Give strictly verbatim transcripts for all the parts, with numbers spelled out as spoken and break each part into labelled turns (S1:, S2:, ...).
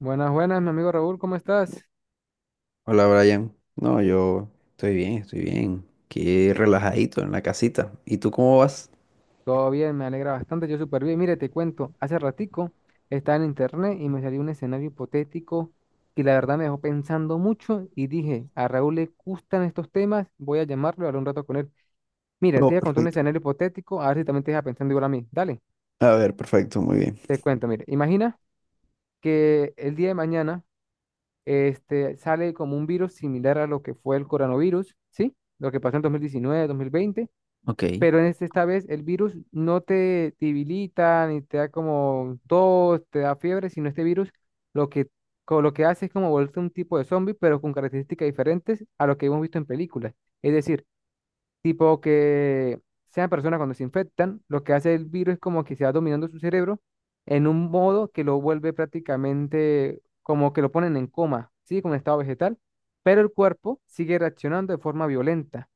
S1: Buenas, buenas, mi amigo Raúl, ¿cómo estás?
S2: Hola Brian, no, yo estoy bien, estoy bien, qué relajadito en la casita. ¿Y tú cómo vas?
S1: Todo bien, me alegra bastante, yo súper bien. Mire, te cuento, hace ratico estaba en internet y me salió un escenario hipotético que la verdad me dejó pensando mucho y dije, a Raúl le gustan estos temas, voy a llamarlo y hablar un rato con él. Mira, te
S2: No,
S1: voy a contar un
S2: perfecto.
S1: escenario hipotético, a ver si también te deja pensando igual a mí. Dale,
S2: A ver, perfecto, muy bien.
S1: te cuento, mire, imagina que el día de mañana este, sale como un virus similar a lo que fue el coronavirus, ¿sí? Lo que pasó en dos dos mil diecinueve dos mil veinte.
S2: Ok,
S1: Pero en este, esta vez el virus no te debilita ni te da como tos, te da fiebre, sino este virus lo que, co- lo que hace es como volverte un tipo de zombie, pero con características diferentes a lo que hemos visto en películas. Es decir, tipo que sean personas cuando se infectan, lo que hace el virus es como que se va dominando su cerebro en un modo que lo vuelve prácticamente como que lo ponen en coma, ¿sí? Como en estado vegetal, pero el cuerpo sigue reaccionando de forma violenta.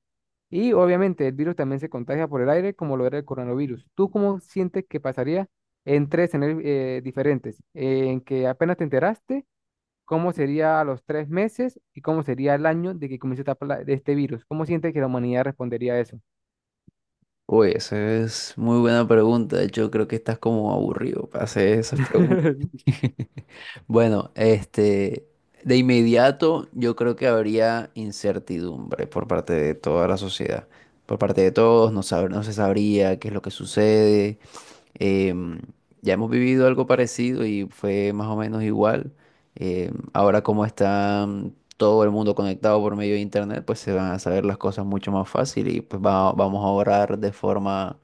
S1: Y obviamente el virus también se contagia por el aire, como lo era el coronavirus. ¿Tú cómo sientes que pasaría en tres escenarios eh, diferentes? En que apenas te enteraste, ¿cómo sería a los tres meses y cómo sería el año de que comience esta pla- de este virus? ¿Cómo sientes que la humanidad respondería a eso?
S2: uy, esa es muy buena pregunta, de hecho creo que estás como aburrido para hacer esas preguntas. Bueno, este, de inmediato yo creo que habría incertidumbre por parte de toda la sociedad, por parte de todos, no sab- no se sabría qué es lo que sucede. Em, ya hemos vivido algo parecido y fue más o menos igual. Em, ahora como está mm, todo el mundo conectado por medio de internet, pues se van a saber las cosas mucho más fácil y pues va- vamos a orar de forma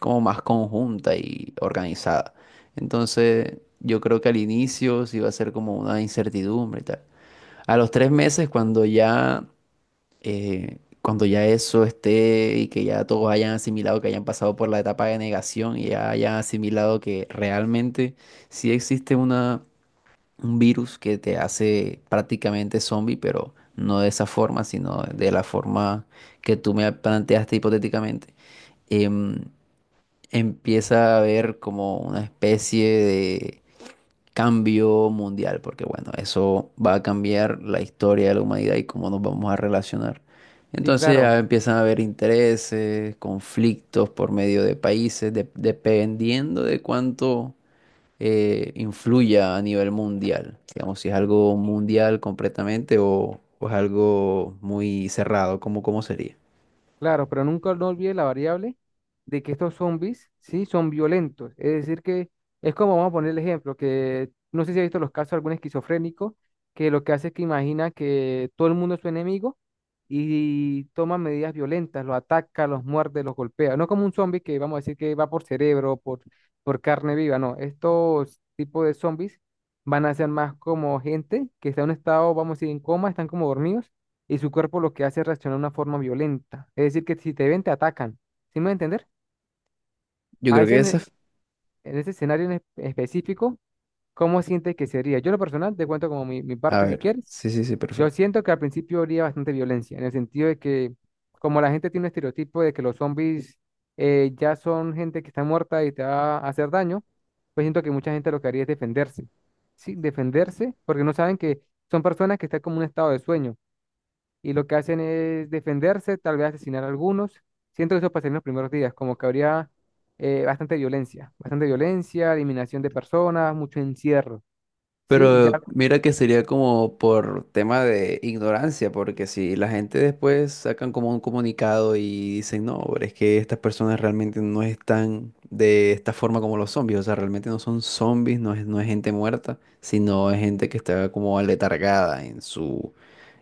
S2: como más conjunta y organizada. Entonces, yo creo que al inicio sí va a ser como una incertidumbre y tal. A los tres meses, cuando ya eh, cuando ya eso esté y que ya todos hayan asimilado, que hayan pasado por la etapa de negación y ya hayan asimilado que realmente sí existe una, un virus que te hace prácticamente zombie, pero no de esa forma, sino de la forma que tú me planteaste hipotéticamente. em, Empieza a haber como una especie de cambio mundial, porque bueno, eso va a cambiar la historia de la humanidad y cómo nos vamos a relacionar.
S1: Sí,
S2: Entonces
S1: claro.
S2: ya empiezan a haber intereses, conflictos por medio de países, de- dependiendo de cuánto eh, influya a nivel mundial. Digamos, si es algo mundial completamente o, o es algo muy cerrado, ¿cómo, ¿cómo sería?
S1: Claro, pero nunca no olvide la variable de que estos zombies, sí, son violentos. Es decir, que es como vamos a poner el ejemplo, que no sé si ha visto los casos de algún esquizofrénico, que lo que hace es que imagina que todo el mundo es su enemigo y toma medidas violentas, los ataca, los muerde, los golpea. No como un zombie que vamos a decir que va por cerebro, por, por carne viva, no. Estos tipos de zombies van a ser más como gente que está en un estado, vamos a decir, en coma, están como dormidos y su cuerpo lo que hace es reaccionar de una forma violenta. Es decir, que si te ven, te atacan. ¿Sí me voy a entender?
S2: Yo
S1: A
S2: creo
S1: veces
S2: que
S1: en, e-
S2: esa...
S1: en ese escenario en espe- específico, ¿cómo sientes que sería? Yo, en lo personal, te cuento como mi, mi
S2: A
S1: parte si
S2: ver,
S1: quieres.
S2: sí, sí, sí,
S1: Yo
S2: perfecto.
S1: siento que al principio habría bastante violencia, en el sentido de que, como la gente tiene un estereotipo de que los zombies eh, ya son gente que está muerta y te va a hacer daño, pues siento que mucha gente lo que haría es defenderse. Sí, defenderse, porque no saben que son personas que están como en un estado de sueño, y lo que hacen es defenderse, tal vez asesinar a algunos. Siento que eso pasaría en los primeros días, como que habría eh, bastante violencia, bastante violencia, eliminación de personas, mucho encierro, ¿sí? Ya,
S2: Pero mira que sería como por tema de ignorancia, porque si la gente después sacan como un comunicado y dicen, no, pero es que estas personas realmente no están de esta forma como los zombies, o sea, realmente no son zombies, no es, no es gente muerta, sino es gente que está como aletargada en su,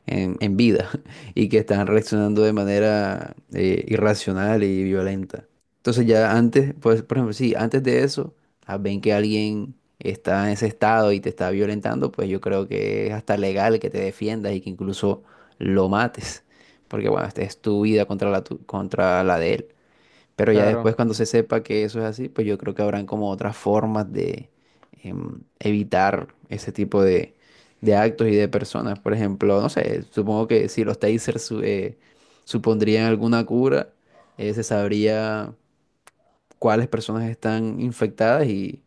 S2: en, en vida, y que están reaccionando de manera eh, irracional y violenta. Entonces ya antes, pues por ejemplo, sí, antes de eso, ah, ven que alguien está en ese estado y te está violentando, pues yo creo que es hasta legal que te defiendas y que incluso lo mates, porque bueno, esta es tu vida contra la, tu- contra la de él. Pero ya
S1: claro.
S2: después, cuando se sepa que eso es así, pues yo creo que habrán como otras formas de em, evitar ese tipo de, de actos y de personas. Por ejemplo, no sé, supongo que si los tasers su- eh, supondrían alguna cura, eh, se sabría cuáles personas están infectadas y,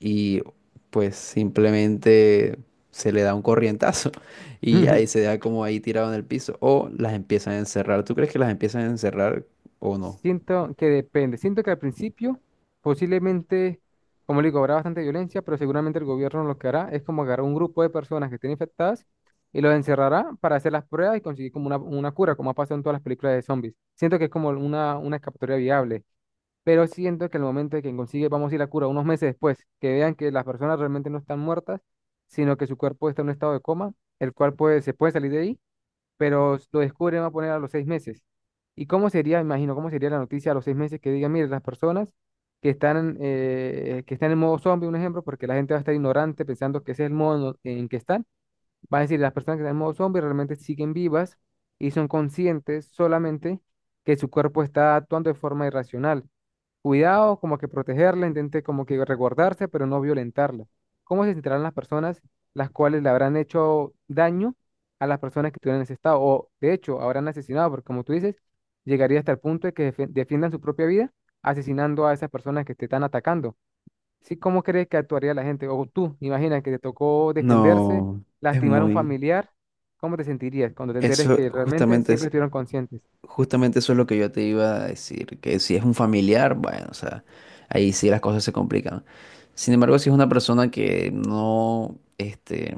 S2: y pues simplemente se le da un corrientazo y ya, y se da como ahí tirado en el piso. O las empiezan a encerrar. ¿Tú crees que las empiezan a encerrar o no?
S1: Siento que depende. Siento que al principio posiblemente, como le digo, habrá bastante violencia, pero seguramente el gobierno lo que hará es como agarrar un grupo de personas que estén infectadas y los encerrará para hacer las pruebas y conseguir como una, una cura, como ha pasado en todas las películas de zombies. Siento que es como una, una escapatoria viable. Pero siento que al momento de que consigue, vamos a ir a cura unos meses después, que vean que las personas realmente no están muertas, sino que su cuerpo está en un estado de coma, el cual puede, se puede salir de ahí, pero lo descubren, va a poner a los seis meses. ¿Y cómo sería, imagino, cómo sería la noticia a los seis meses que digan, mire, las personas que están, eh, que están en modo zombie, un ejemplo, porque la gente va a estar ignorante pensando que ese es el modo en que están, va a decir, las personas que están en modo zombie realmente siguen vivas y son conscientes solamente que su cuerpo está actuando de forma irracional. Cuidado, como que protegerla, intente como que resguardarse, pero no violentarla. ¿Cómo se sentirán las personas las cuales le habrán hecho daño a las personas que estuvieron en ese estado? O de hecho, habrán asesinado, porque como tú dices, llegaría hasta el punto de que defe- defiendan su propia vida asesinando a esas personas que te están atacando. ¿Sí? ¿Cómo crees que actuaría la gente? O tú, imagina que te tocó defenderse,
S2: No, es
S1: lastimar a un
S2: muy...
S1: familiar. ¿Cómo te sentirías cuando te enteres
S2: Eso
S1: que realmente
S2: justamente
S1: siempre
S2: es,
S1: estuvieron conscientes?
S2: justamente eso es lo que yo te iba a decir, que si es un familiar, bueno, o sea, ahí sí las cosas se complican. Sin embargo, si es una persona que no, este,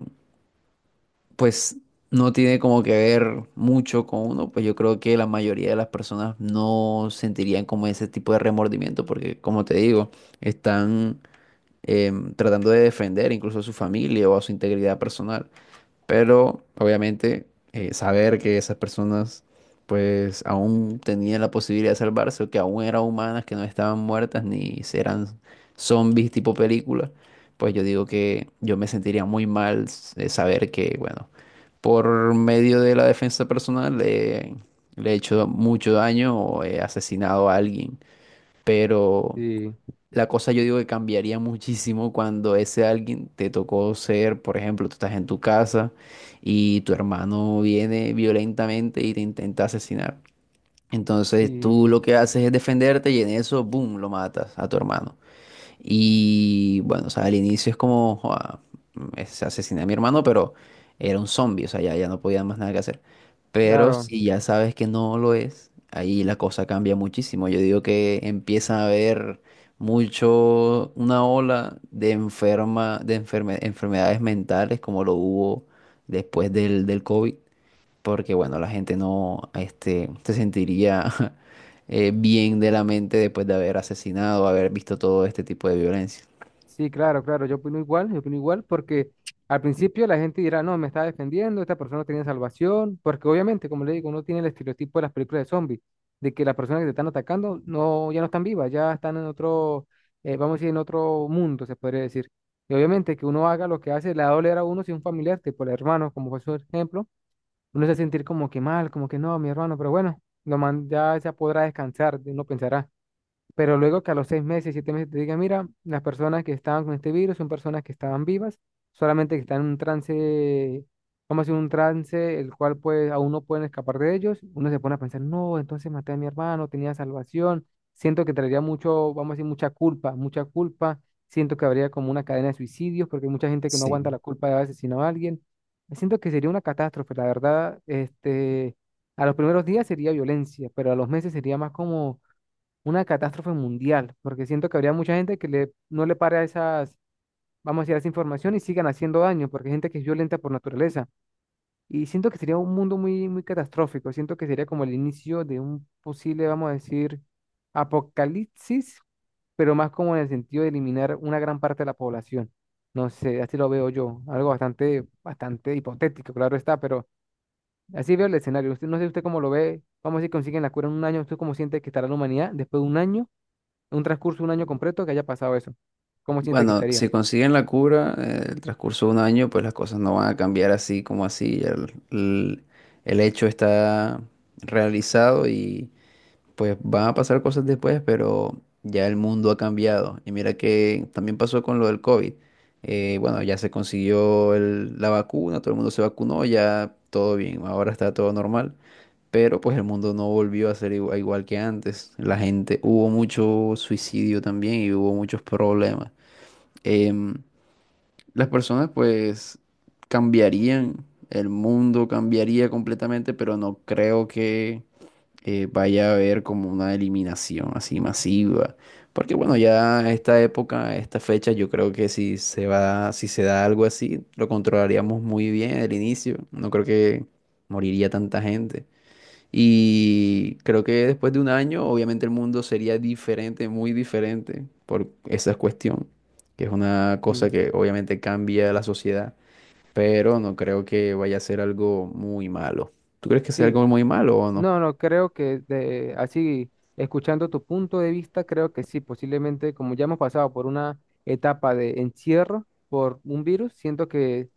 S2: pues no tiene como que ver mucho con uno, pues yo creo que la mayoría de las personas no sentirían como ese tipo de remordimiento, porque como te digo, están em, tratando de defender incluso a su familia o a su integridad personal. Pero obviamente eh, saber que esas personas pues aún tenían la posibilidad de salvarse o que aún eran humanas, que no estaban muertas ni eran zombies tipo película, pues yo digo que yo me sentiría muy mal eh, saber que, bueno, por medio de la defensa personal eh, le he hecho mucho daño o he asesinado a alguien. Pero
S1: Sí,
S2: la cosa yo digo que cambiaría muchísimo cuando ese alguien te tocó ser, por ejemplo, tú estás en tu casa y tu hermano viene violentamente y te intenta asesinar. Entonces
S1: sí,
S2: tú lo que haces es defenderte y en eso, boom, lo matas a tu hermano. Y bueno, o sea, al inicio es como, joa, es, asesiné a mi hermano, pero era un zombie, o sea, ya, ya no podía más nada que hacer. Pero
S1: claro.
S2: si ya sabes que no lo es, ahí la cosa cambia muchísimo. Yo digo que empieza a haber mucho, una ola de enferma, de enferme- enfermedades mentales como lo hubo después del, del COVID, porque bueno, la gente no este, se sentiría eh, bien de la mente después de haber asesinado, haber visto todo este tipo de violencia.
S1: Sí, claro, claro, yo opino igual, yo opino igual porque al principio la gente dirá, no, me está defendiendo, esta persona no tiene salvación, porque obviamente, como le digo, uno tiene el estereotipo de las películas de zombies, de que las personas que te están atacando no, ya no están vivas, ya están en otro, eh, vamos a decir, en otro mundo, se podría decir. Y obviamente que uno haga lo que hace, le va a doler a uno si un familiar, tipo el hermano, como fue su ejemplo, uno se va a sentir como que mal, como que no, mi hermano, pero bueno, lo man, ya se podrá descansar, uno pensará. Pero luego que a los seis meses, siete meses te diga, mira, las personas que estaban con este virus son personas que estaban vivas, solamente que están en un trance, vamos a decir, un trance el cual pues aún no pueden escapar de ellos, uno se pone a pensar, no, entonces maté a mi hermano, tenía salvación, siento que traería mucho, vamos a decir, mucha culpa, mucha culpa, siento que habría como una cadena de suicidios, porque hay mucha gente que no aguanta
S2: Sí.
S1: la culpa de haber asesinado a alguien, siento que sería una catástrofe, la verdad, este, a los primeros días sería violencia, pero a los meses sería más como una catástrofe mundial, porque siento que habría mucha gente que le, no le pare a esas, vamos a decir, a esa información y sigan haciendo daño, porque hay gente que es violenta por naturaleza. Y siento que sería un mundo muy, muy catastrófico, siento que sería como el inicio de un posible, vamos a decir, apocalipsis, pero más como en el sentido de eliminar una gran parte de la población. No sé, así lo veo yo, algo bastante, bastante hipotético, claro está, pero así veo el escenario. Usted, no sé usted cómo lo ve, vamos a decir, consiguen la cura en un año, ¿usted cómo siente que estará la humanidad después de un año? Un transcurso de un año completo que haya pasado eso. ¿Cómo siente que
S2: Bueno,
S1: estaría?
S2: si consiguen la cura, eh, el transcurso de un año, pues las cosas no van a cambiar así como así. El, el- el hecho está realizado. Pues van a pasar cosas después, pero ya el mundo ha cambiado. Y mira que también pasó con lo del COVID. Eh, bueno, ya se consiguió el- la vacuna, todo el mundo se vacunó, ya todo bien, ahora está todo normal. Pero pues el mundo no volvió a ser igua- igual que antes. La gente, hubo mucho suicidio también y hubo muchos problemas. Em, las personas pues cambiarían, el mundo cambiaría completamente, pero no creo que eh, vaya a haber como una eliminación así masiva. Porque bueno, ya esta época, esta fecha, yo creo que si se va, si se da algo así, lo controlaríamos muy bien al inicio. No creo que moriría tanta gente. Y creo que después de un año, obviamente el mundo sería diferente, muy diferente por esa cuestión, que es una cosa
S1: Sí,
S2: que obviamente cambia la sociedad, pero no creo que vaya a ser algo muy malo. ¿Tú crees que sea
S1: sí.
S2: algo muy malo o no?
S1: No, no, creo que de, así, escuchando tu punto de vista, creo que sí, posiblemente como ya hemos pasado por una etapa de encierro por un virus, siento que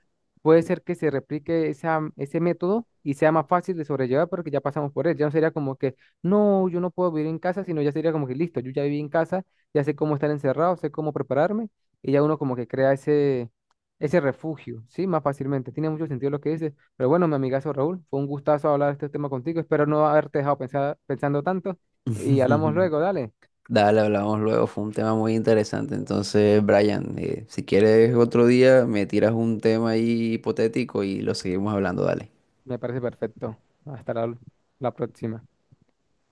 S1: puede ser que se replique esa, ese método y sea más fácil de sobrellevar porque ya pasamos por él. Ya no sería como que, no, yo no puedo vivir en casa, sino ya sería como que, listo, yo ya viví en casa, ya sé cómo estar encerrado, sé cómo prepararme y ya uno como que crea ese, ese refugio, ¿sí? Más fácilmente. Tiene mucho sentido lo que dices. Pero bueno, mi amigazo Raúl, fue un gustazo hablar de este tema contigo. Espero no haberte dejado pensar- pensando tanto. Y hablamos luego, dale.
S2: Dale, hablamos luego, fue un tema muy interesante. Entonces, Brian, eh, si quieres otro día, me tiras un tema ahí hipotético y lo seguimos hablando, dale.
S1: Me parece perfecto. Hasta la la próxima.